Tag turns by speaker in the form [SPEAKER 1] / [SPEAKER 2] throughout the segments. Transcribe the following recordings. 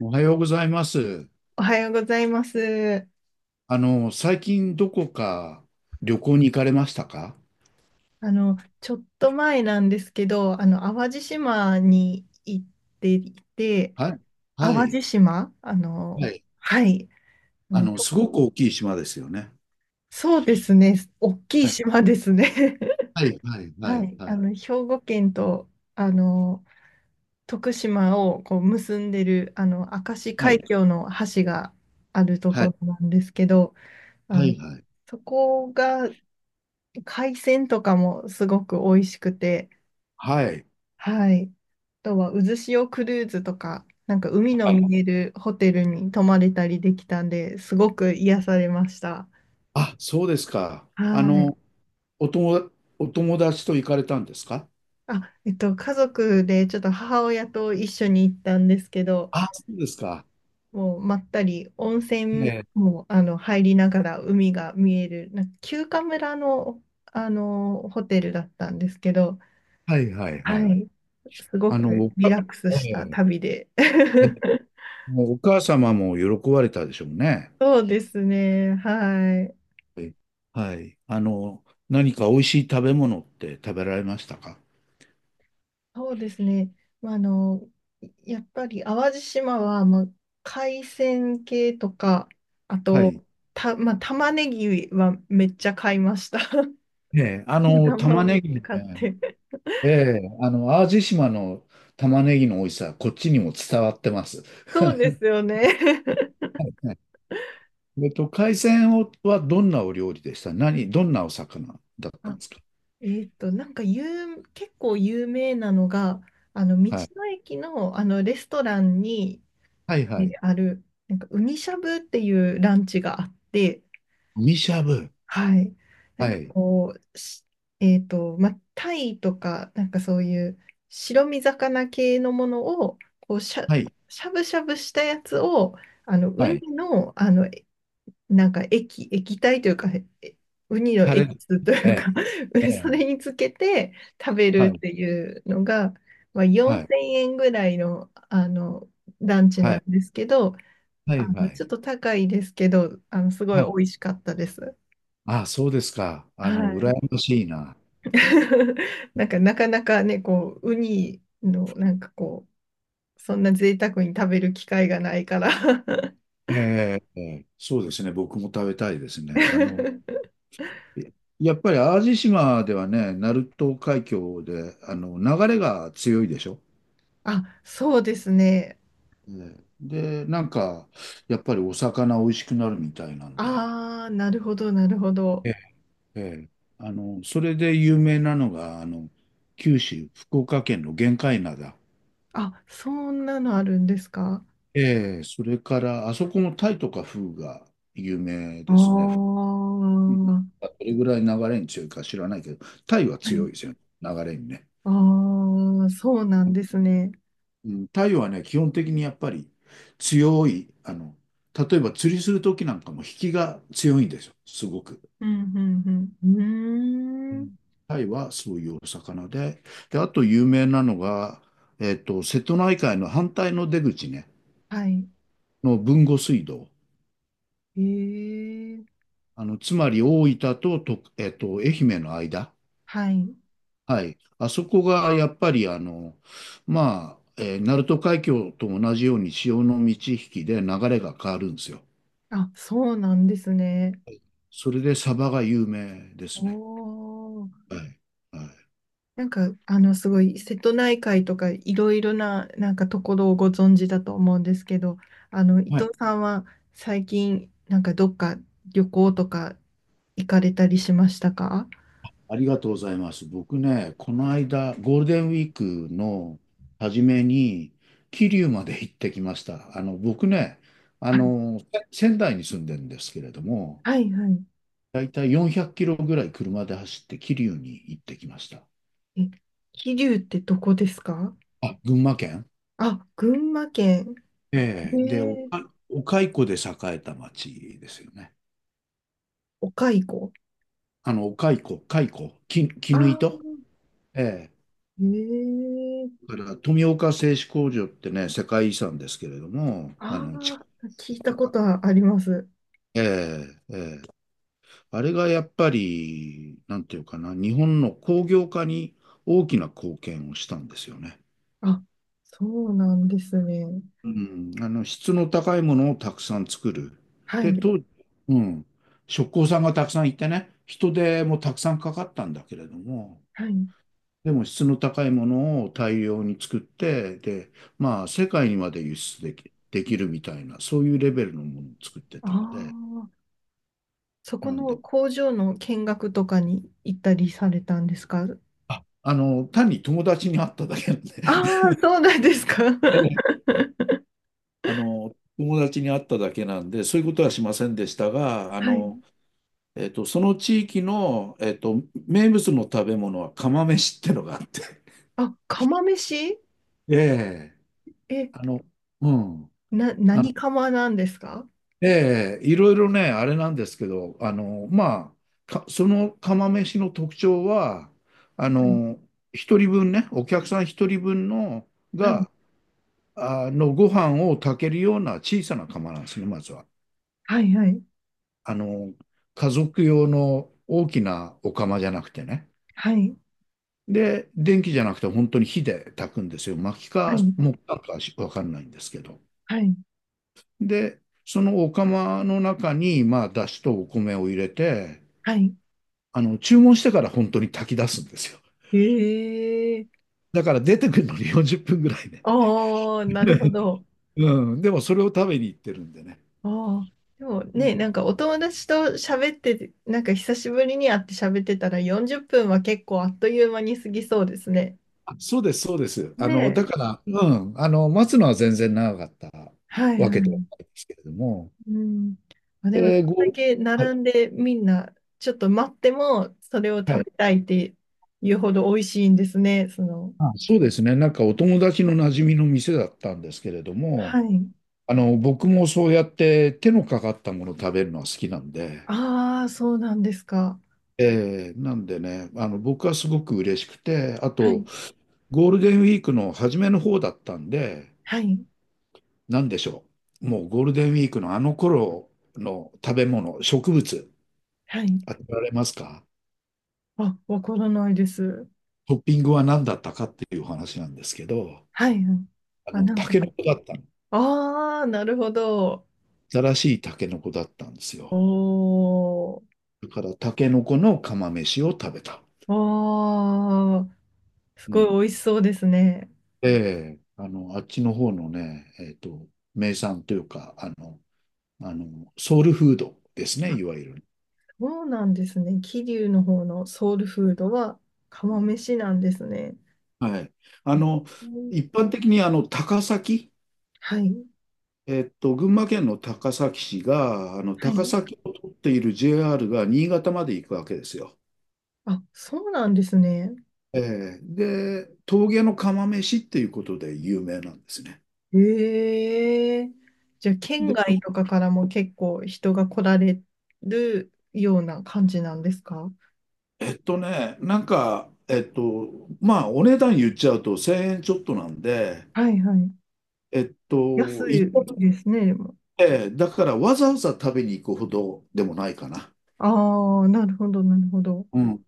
[SPEAKER 1] おはようございます。
[SPEAKER 2] おはようございます。
[SPEAKER 1] 最近どこか旅行に行かれましたか？
[SPEAKER 2] ちょっと前なんですけど、淡路島に行っていて、
[SPEAKER 1] はい。は
[SPEAKER 2] 淡
[SPEAKER 1] い。
[SPEAKER 2] 路島、
[SPEAKER 1] はい。
[SPEAKER 2] はい。あの、そ
[SPEAKER 1] すご
[SPEAKER 2] こ、
[SPEAKER 1] く大きい島ですよね。
[SPEAKER 2] そうですね、大きい
[SPEAKER 1] はい。
[SPEAKER 2] 島ですね。
[SPEAKER 1] はい。はい。は
[SPEAKER 2] は
[SPEAKER 1] い。
[SPEAKER 2] い、
[SPEAKER 1] はい。
[SPEAKER 2] 兵庫県と、あの、徳島をこう結んでる、明石
[SPEAKER 1] は
[SPEAKER 2] 海
[SPEAKER 1] い。
[SPEAKER 2] 峡の橋があると
[SPEAKER 1] はい。
[SPEAKER 2] ころなんですけど、あ
[SPEAKER 1] は
[SPEAKER 2] の、
[SPEAKER 1] い。はい。
[SPEAKER 2] そこが海鮮とかもすごく美味しくて、
[SPEAKER 1] はいはい。
[SPEAKER 2] はい。あとは、渦潮クルーズとか、なんか海の見えるホテルに泊まれたりできたんで、すごく癒されました。
[SPEAKER 1] あ、そうですか。
[SPEAKER 2] はい。
[SPEAKER 1] お友、お友達と行かれたんですか？
[SPEAKER 2] あ、家族でちょっと母親と一緒に行ったんですけど、
[SPEAKER 1] あ、そうですか。
[SPEAKER 2] もうまったり温
[SPEAKER 1] え
[SPEAKER 2] 泉
[SPEAKER 1] え。
[SPEAKER 2] も入りながら海が見える、なんか休暇村の、ホテルだったんですけど、
[SPEAKER 1] はい。はい。は
[SPEAKER 2] は
[SPEAKER 1] い。
[SPEAKER 2] い。すご
[SPEAKER 1] あの、
[SPEAKER 2] く
[SPEAKER 1] お
[SPEAKER 2] リ
[SPEAKER 1] か、
[SPEAKER 2] ラックス
[SPEAKER 1] え
[SPEAKER 2] した
[SPEAKER 1] え。
[SPEAKER 2] 旅で。
[SPEAKER 1] えもうお母様も喜ばれたでしょうね。
[SPEAKER 2] そうですね。はい。
[SPEAKER 1] い。はい。何か美味しい食べ物って食べられましたか？
[SPEAKER 2] そうですね。まあ、やっぱり淡路島は、まあ、海鮮系とか、あ
[SPEAKER 1] はい。
[SPEAKER 2] と、まあ、玉ねぎはめっちゃ買いました。
[SPEAKER 1] ええ、
[SPEAKER 2] 新玉
[SPEAKER 1] 玉
[SPEAKER 2] をめっ
[SPEAKER 1] ねぎ
[SPEAKER 2] ちゃ
[SPEAKER 1] ね、
[SPEAKER 2] 買って。
[SPEAKER 1] ええ、淡路島の玉ねぎの美味しさ、こっちにも伝わってます。
[SPEAKER 2] そうですよ ね。
[SPEAKER 1] はい。海鮮をはどんなお料理でしたどんなお魚だったん
[SPEAKER 2] あ、
[SPEAKER 1] ですか？
[SPEAKER 2] なんか結構有名なのが、道
[SPEAKER 1] はい。
[SPEAKER 2] の駅の、レストランに
[SPEAKER 1] はいはい。
[SPEAKER 2] ある、なんか、ウニしゃぶっていうランチがあって、
[SPEAKER 1] みしゃぶ。
[SPEAKER 2] はい。な
[SPEAKER 1] は
[SPEAKER 2] んか
[SPEAKER 1] い。
[SPEAKER 2] こう、まあ、タイとか、なんかそういう白身魚系のものを、こう、
[SPEAKER 1] はい。
[SPEAKER 2] しゃぶしゃぶしたやつを、ウ
[SPEAKER 1] はい。
[SPEAKER 2] ニの、なんか液体というか、えウニの
[SPEAKER 1] タ
[SPEAKER 2] エ
[SPEAKER 1] レ。
[SPEAKER 2] キスと
[SPEAKER 1] え
[SPEAKER 2] いうか
[SPEAKER 1] え、え
[SPEAKER 2] そ
[SPEAKER 1] え、
[SPEAKER 2] れにつけて食べ
[SPEAKER 1] は
[SPEAKER 2] るっ
[SPEAKER 1] い。
[SPEAKER 2] ていうのが、まあ、
[SPEAKER 1] は
[SPEAKER 2] 4000
[SPEAKER 1] い。
[SPEAKER 2] 円ぐらいの、ランチ
[SPEAKER 1] は
[SPEAKER 2] なん
[SPEAKER 1] い。
[SPEAKER 2] ですけど、
[SPEAKER 1] はい。はい。
[SPEAKER 2] ちょっと高いですけど、すごい
[SPEAKER 1] はい。
[SPEAKER 2] 美味しかったです。
[SPEAKER 1] ああ、そうですか。
[SPEAKER 2] は
[SPEAKER 1] 羨
[SPEAKER 2] い。
[SPEAKER 1] ましいな。
[SPEAKER 2] なんかなかなかね、こう、ウニのなんかこう、そんな贅沢に食べる機会がないから。
[SPEAKER 1] ええ、そうですね。僕も食べたいですね。えやっぱり淡路島ではね、鳴門海峡で、流れが強いでしょ。
[SPEAKER 2] あ、そうですね。
[SPEAKER 1] ええ。で、なんか、やっぱりお魚美味しくなるみたいなんで。
[SPEAKER 2] ああ、なるほど、なるほど。
[SPEAKER 1] ええ、ええ。それで有名なのが、九州、福岡県の玄界灘。
[SPEAKER 2] あ、そんなのあるんですか？
[SPEAKER 1] ええ、それから、あそこもタイとかフグが有名
[SPEAKER 2] ああ
[SPEAKER 1] ですね。
[SPEAKER 2] ー、
[SPEAKER 1] どれぐらい流れに強いか知らないけど、タイは
[SPEAKER 2] は
[SPEAKER 1] 強
[SPEAKER 2] い。
[SPEAKER 1] いですよね、流れにね。
[SPEAKER 2] ああ、そうなんですね。
[SPEAKER 1] うん、太陽はね、基本的にやっぱり強い、例えば釣りするときなんかも引きが強いんですよ、すごく。
[SPEAKER 2] うん、うん、う
[SPEAKER 1] う
[SPEAKER 2] ん。うーん。
[SPEAKER 1] ん。タイはそういうお魚で、で、あと有名なのが、瀬戸内海の反対の出口ね、
[SPEAKER 2] はい。
[SPEAKER 1] の豊後水道。
[SPEAKER 2] ええ、
[SPEAKER 1] つまり大分と、愛媛の間。
[SPEAKER 2] はい。
[SPEAKER 1] はい。あそこがやっぱり、まあ、鳴門海峡と同じように潮の満ち引きで流れが変わるんですよ。
[SPEAKER 2] あ、そうなんですね。
[SPEAKER 1] それでサバが有名です
[SPEAKER 2] お
[SPEAKER 1] ね。
[SPEAKER 2] ー。
[SPEAKER 1] はい。はい。
[SPEAKER 2] なんか、すごい、瀬戸内海とか、いろいろな、なんかところをご存知だと思うんですけど、伊
[SPEAKER 1] は
[SPEAKER 2] 藤
[SPEAKER 1] い。
[SPEAKER 2] さんは最近、なんかどっか旅行とか行かれたりしましたか？
[SPEAKER 1] ありがとうございます。僕ね、この間、ゴールデンウィークの初めに、桐生まで行ってきました。僕ね、
[SPEAKER 2] はい、
[SPEAKER 1] 仙台に住んでるんですけれども、
[SPEAKER 2] はい、はい。
[SPEAKER 1] だいたい400キロぐらい車で走って桐生に行ってきました。
[SPEAKER 2] え、桐生ってどこですか？
[SPEAKER 1] あ、群馬県。
[SPEAKER 2] あ、群馬県。え
[SPEAKER 1] ええ。で、
[SPEAKER 2] ー、
[SPEAKER 1] お蚕で栄えた町ですよね。
[SPEAKER 2] お蚕。
[SPEAKER 1] あの、お蚕、蚕、き、
[SPEAKER 2] あ
[SPEAKER 1] 絹
[SPEAKER 2] あ、
[SPEAKER 1] 糸。え
[SPEAKER 2] えー、
[SPEAKER 1] だから富岡製糸工場ってね、世界遺産ですけれども、
[SPEAKER 2] あ
[SPEAKER 1] 地下
[SPEAKER 2] あ、聞いた
[SPEAKER 1] と
[SPEAKER 2] こ
[SPEAKER 1] か。
[SPEAKER 2] とはあります。
[SPEAKER 1] ええ。ええ。あれがやっぱり、なんていうかな、日本の工業化に大きな貢献をしたんですよね。
[SPEAKER 2] あ、そうなんですね。
[SPEAKER 1] うん、質の高いものをたくさん作る。
[SPEAKER 2] は
[SPEAKER 1] で、
[SPEAKER 2] い、
[SPEAKER 1] 当時、うん、職工さんがたくさんいてね、人手もたくさんかかったんだけれども、
[SPEAKER 2] はい。
[SPEAKER 1] でも質の高いものを大量に作って、で、まあ世界にまで輸出できるみたいな、そういうレベルのものを作って
[SPEAKER 2] あ
[SPEAKER 1] たんで、
[SPEAKER 2] あ。そ
[SPEAKER 1] な
[SPEAKER 2] こ
[SPEAKER 1] ん
[SPEAKER 2] の
[SPEAKER 1] で、
[SPEAKER 2] 工場の見学とかに行ったりされたんですか？
[SPEAKER 1] 単に友達に会っただけなんで、
[SPEAKER 2] あ あー、そうなんですか。
[SPEAKER 1] ええ、友達に会っただけなんで、そういうことはしませんでしたが、
[SPEAKER 2] はい。
[SPEAKER 1] その地域の、名物の食べ物は釜飯ってのがあって、
[SPEAKER 2] あ、釜飯。
[SPEAKER 1] ええ、
[SPEAKER 2] え、
[SPEAKER 1] あの、うん。
[SPEAKER 2] 何釜なんですか？
[SPEAKER 1] ええ、いろいろね、あれなんですけど、まあ、その釜飯の特徴は、あ
[SPEAKER 2] うん。
[SPEAKER 1] の、一人分ね、お客さん一人分の、
[SPEAKER 2] はい、
[SPEAKER 1] が、ご飯を炊けるような小さな釜なんですね、まずは。
[SPEAKER 2] はい、はい、
[SPEAKER 1] あの、家族用の大きなお釜じゃなくてね。
[SPEAKER 2] はい、
[SPEAKER 1] で、電気じゃなくて本当に火で炊くんですよ。薪
[SPEAKER 2] は
[SPEAKER 1] か
[SPEAKER 2] い、
[SPEAKER 1] 木炭かしわかんないんですけど。
[SPEAKER 2] はい、
[SPEAKER 1] で、そのお釜の中に、まあ、だしとお米を入れて、
[SPEAKER 2] はい。
[SPEAKER 1] 注文してから本当に炊き出すんですよ。
[SPEAKER 2] ええ。
[SPEAKER 1] だから出てくるのに40分ぐらいね。
[SPEAKER 2] ああー、なるほ ど。
[SPEAKER 1] うん、でもそれを食べに行ってるんでね。
[SPEAKER 2] ああ。でも
[SPEAKER 1] うん。
[SPEAKER 2] ね、なんかお友達と喋ってて、なんか久しぶりに会って喋ってたら40分は結構あっという間に過ぎそうですね。
[SPEAKER 1] あ、そうです、そうです。
[SPEAKER 2] ね
[SPEAKER 1] だか
[SPEAKER 2] え。
[SPEAKER 1] ら、うん、待つのは全然長かった
[SPEAKER 2] はい、
[SPEAKER 1] わ
[SPEAKER 2] は
[SPEAKER 1] けで
[SPEAKER 2] い。
[SPEAKER 1] はないですけれども、
[SPEAKER 2] うん。まあ、でも、そん
[SPEAKER 1] えー
[SPEAKER 2] だ
[SPEAKER 1] ご、
[SPEAKER 2] け
[SPEAKER 1] はい、
[SPEAKER 2] 並んでみんな、ちょっと待っても、それを
[SPEAKER 1] は
[SPEAKER 2] 食
[SPEAKER 1] い。
[SPEAKER 2] べたいっていうほど美味しいんですね、その。
[SPEAKER 1] あ、そうですね。なんかお友達の馴染みの店だったんですけれど
[SPEAKER 2] は
[SPEAKER 1] も、
[SPEAKER 2] い。
[SPEAKER 1] 僕もそうやって手のかかったものを食べるのは好きなんで、
[SPEAKER 2] ああ、そうなんですか。
[SPEAKER 1] なんでね、僕はすごく嬉しくて、あ
[SPEAKER 2] は
[SPEAKER 1] と、
[SPEAKER 2] い。
[SPEAKER 1] ゴールデンウィークの初めの方だったんで、
[SPEAKER 2] はい。
[SPEAKER 1] なんでしょう。もうゴールデンウィークのあの頃の食べ物、植物、
[SPEAKER 2] はい。
[SPEAKER 1] 当てられますか？
[SPEAKER 2] あ、わからないです。
[SPEAKER 1] トッピングは何だったかっていう話なんですけど、
[SPEAKER 2] はい。はい。あ、なん
[SPEAKER 1] タ
[SPEAKER 2] か、
[SPEAKER 1] ケノコだったの。
[SPEAKER 2] ああ、なるほど。
[SPEAKER 1] 新しいタケノコだったんです
[SPEAKER 2] お
[SPEAKER 1] よ。
[SPEAKER 2] ー。
[SPEAKER 1] だからタケノコの釜飯を食べた。
[SPEAKER 2] ああ、す
[SPEAKER 1] う
[SPEAKER 2] ごい
[SPEAKER 1] ん。
[SPEAKER 2] 美味しそうですね。
[SPEAKER 1] で、あっちの方のね、名産というか、ソウルフードですね、
[SPEAKER 2] あ、
[SPEAKER 1] いわゆる。
[SPEAKER 2] そうなんですね。桐生の方のソウルフードは釜飯なんですね。
[SPEAKER 1] はい。あの、
[SPEAKER 2] うん。
[SPEAKER 1] 一般的にあの高崎、
[SPEAKER 2] はい。
[SPEAKER 1] 群馬県の高崎市が、あの
[SPEAKER 2] は
[SPEAKER 1] 高
[SPEAKER 2] い。
[SPEAKER 1] 崎を取っている JR が新潟まで行くわけですよ。
[SPEAKER 2] あ、そうなんですね。
[SPEAKER 1] ええ。で、峠の釜飯っていうことで有名なんですね。
[SPEAKER 2] ええ。じゃあ、県
[SPEAKER 1] で、そ
[SPEAKER 2] 外
[SPEAKER 1] の
[SPEAKER 2] とかからも結構人が来られるような感じなんですか？
[SPEAKER 1] なんか、まあ、お値段言っちゃうと1000円ちょっとなんで、
[SPEAKER 2] はい、はい。
[SPEAKER 1] えっと、
[SPEAKER 2] 安
[SPEAKER 1] 行った
[SPEAKER 2] い
[SPEAKER 1] とこ
[SPEAKER 2] ですね、でも。
[SPEAKER 1] で、だからわざわざ食べに行くほどでもないかな。
[SPEAKER 2] ああ、なるほど、なるほど。
[SPEAKER 1] うん。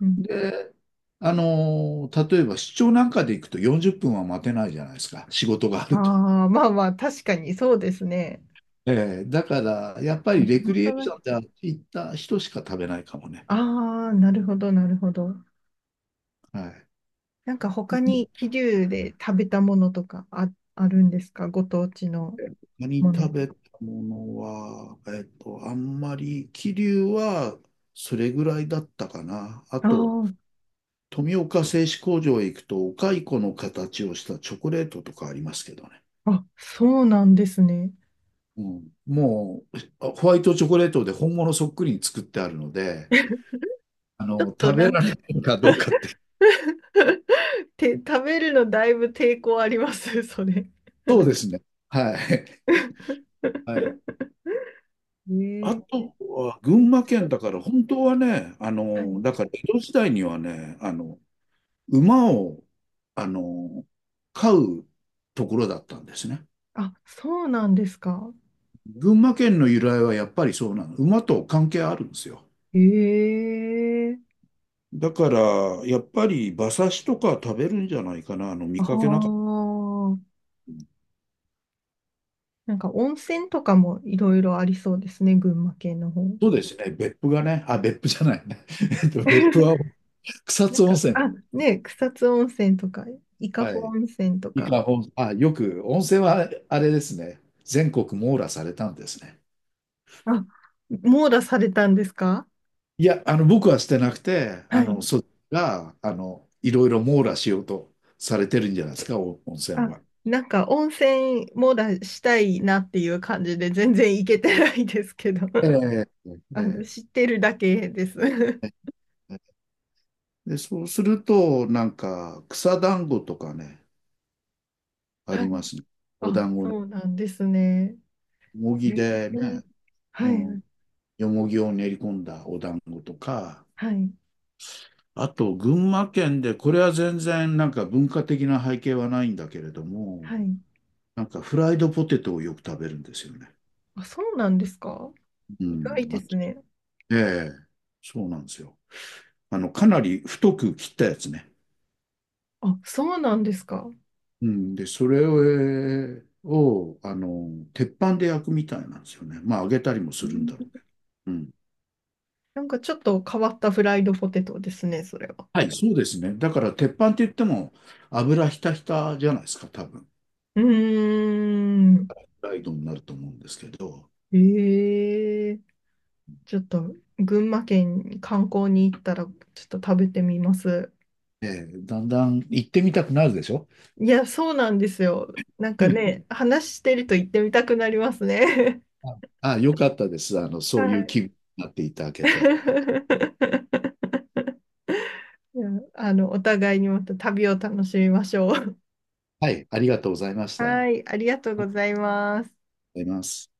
[SPEAKER 2] うん。
[SPEAKER 1] で、例えば出張なんかで行くと40分は待てないじゃないですか。仕事があると。
[SPEAKER 2] ああ、まあまあ、確かにそうですね。
[SPEAKER 1] ええ。だから、やっぱ
[SPEAKER 2] あ、
[SPEAKER 1] り
[SPEAKER 2] 地
[SPEAKER 1] レクリエ
[SPEAKER 2] 元
[SPEAKER 1] ー
[SPEAKER 2] の
[SPEAKER 1] ションで
[SPEAKER 2] 人。
[SPEAKER 1] 行った人しか食べないかもね。
[SPEAKER 2] ああ、なるほど、なるほど。
[SPEAKER 1] はい。
[SPEAKER 2] なんか他に桐生で食べたものとかあるんですか？ご当地の
[SPEAKER 1] 他に
[SPEAKER 2] もの。
[SPEAKER 1] 食べたものは、あんまり、桐生はそれぐらいだったかな。あ
[SPEAKER 2] あ
[SPEAKER 1] と、
[SPEAKER 2] ー。
[SPEAKER 1] 富岡製糸工場へ行くと、お蚕の形をしたチョコレートとかありますけどね。
[SPEAKER 2] あ、そうなんですね。
[SPEAKER 1] うん、もう、ホワイトチョコレートで本物そっくりに作ってあるので、
[SPEAKER 2] ちょっと
[SPEAKER 1] 食
[SPEAKER 2] な
[SPEAKER 1] べ
[SPEAKER 2] ん
[SPEAKER 1] ら
[SPEAKER 2] か
[SPEAKER 1] れ るかどうかって。
[SPEAKER 2] 食べるのだいぶ抵抗あります、それ。
[SPEAKER 1] そうですね。はい。はい。あ
[SPEAKER 2] ええ。
[SPEAKER 1] とは群馬県だから、本当はね、
[SPEAKER 2] はい。
[SPEAKER 1] だから江戸時代にはね、馬を、あの、飼うところだったんですね。
[SPEAKER 2] あ、そうなんですか。
[SPEAKER 1] 群馬県の由来はやっぱりそうなの。馬と関係あるんですよ。
[SPEAKER 2] ええ。
[SPEAKER 1] だから、やっぱり馬刺しとか食べるんじゃないかな、
[SPEAKER 2] あ
[SPEAKER 1] 見
[SPEAKER 2] あ
[SPEAKER 1] かけなかった。
[SPEAKER 2] ー。なんか温泉とかもいろいろありそうですね、群馬県の方。
[SPEAKER 1] そうですね。別府がね、あ、別府じゃないね。別府 は草
[SPEAKER 2] な
[SPEAKER 1] 津
[SPEAKER 2] ん
[SPEAKER 1] 温
[SPEAKER 2] か、
[SPEAKER 1] 泉だ。
[SPEAKER 2] あ、ね、草津温泉とか、伊香
[SPEAKER 1] は
[SPEAKER 2] 保
[SPEAKER 1] い。
[SPEAKER 2] 温泉と
[SPEAKER 1] 伊
[SPEAKER 2] か、
[SPEAKER 1] 香保、あ、よく、温泉はあれですね、全国網羅されたんですね。
[SPEAKER 2] あ、網羅されたんですか？
[SPEAKER 1] いや、僕はしてなくて、
[SPEAKER 2] はい。
[SPEAKER 1] そっちが、いろいろ網羅しようとされてるんじゃないですか、お温泉
[SPEAKER 2] あ、
[SPEAKER 1] は。
[SPEAKER 2] なんか温泉もだしたいなっていう感じで全然行けてないですけど。
[SPEAKER 1] え え。え
[SPEAKER 2] 知っ
[SPEAKER 1] え。
[SPEAKER 2] てるだけです。
[SPEAKER 1] ええ。で、そうすると、なんか、草団子とかね、あ
[SPEAKER 2] はい。
[SPEAKER 1] りますね。お
[SPEAKER 2] あ、
[SPEAKER 1] 団子ね。
[SPEAKER 2] そうなんですね。
[SPEAKER 1] よも
[SPEAKER 2] え
[SPEAKER 1] ぎ
[SPEAKER 2] ー。
[SPEAKER 1] でね、う
[SPEAKER 2] は
[SPEAKER 1] ん、
[SPEAKER 2] い、
[SPEAKER 1] よもぎを練り込んだお団子とか、
[SPEAKER 2] はい、
[SPEAKER 1] あと、群馬県で、これは全然なんか文化的な背景はないんだけれども、
[SPEAKER 2] はい。
[SPEAKER 1] なんかフライドポテトをよく食べるんですよね。
[SPEAKER 2] あ、そうなんですか？
[SPEAKER 1] う
[SPEAKER 2] 意
[SPEAKER 1] ん。
[SPEAKER 2] 外で
[SPEAKER 1] あ、
[SPEAKER 2] すね。
[SPEAKER 1] ええ、そうなんですよ。かなり太く切ったやつね。
[SPEAKER 2] あ、そうなんですか。
[SPEAKER 1] うん。で、それを鉄板で焼くみたいなんですよね。まあ、揚げたりも
[SPEAKER 2] う
[SPEAKER 1] するん
[SPEAKER 2] ん。
[SPEAKER 1] だろうけど。うん。
[SPEAKER 2] なんかちょっと変わったフライドポテトですね、それは。
[SPEAKER 1] はい、そうですね。だから、鉄板って言っても、油ひたひたじゃないですか、多分。
[SPEAKER 2] うーん。
[SPEAKER 1] フライドになると思うんですけど、
[SPEAKER 2] ええ。ちょっと群馬県に観光に行ったらちょっと食べてみます。
[SPEAKER 1] ええ、だんだん行ってみたくなるでしょ？
[SPEAKER 2] いや、そうなんですよ。なんか ね、話してると行ってみたくなりますね。
[SPEAKER 1] あ、よかったです。そうい
[SPEAKER 2] は
[SPEAKER 1] う気
[SPEAKER 2] い。
[SPEAKER 1] 分になっていただけて。
[SPEAKER 2] いや、お互いにまた旅を楽しみましょう。
[SPEAKER 1] はい、ありがとうございま した。
[SPEAKER 2] は
[SPEAKER 1] あ
[SPEAKER 2] い、ありがとうございます。
[SPEAKER 1] りがとうございます。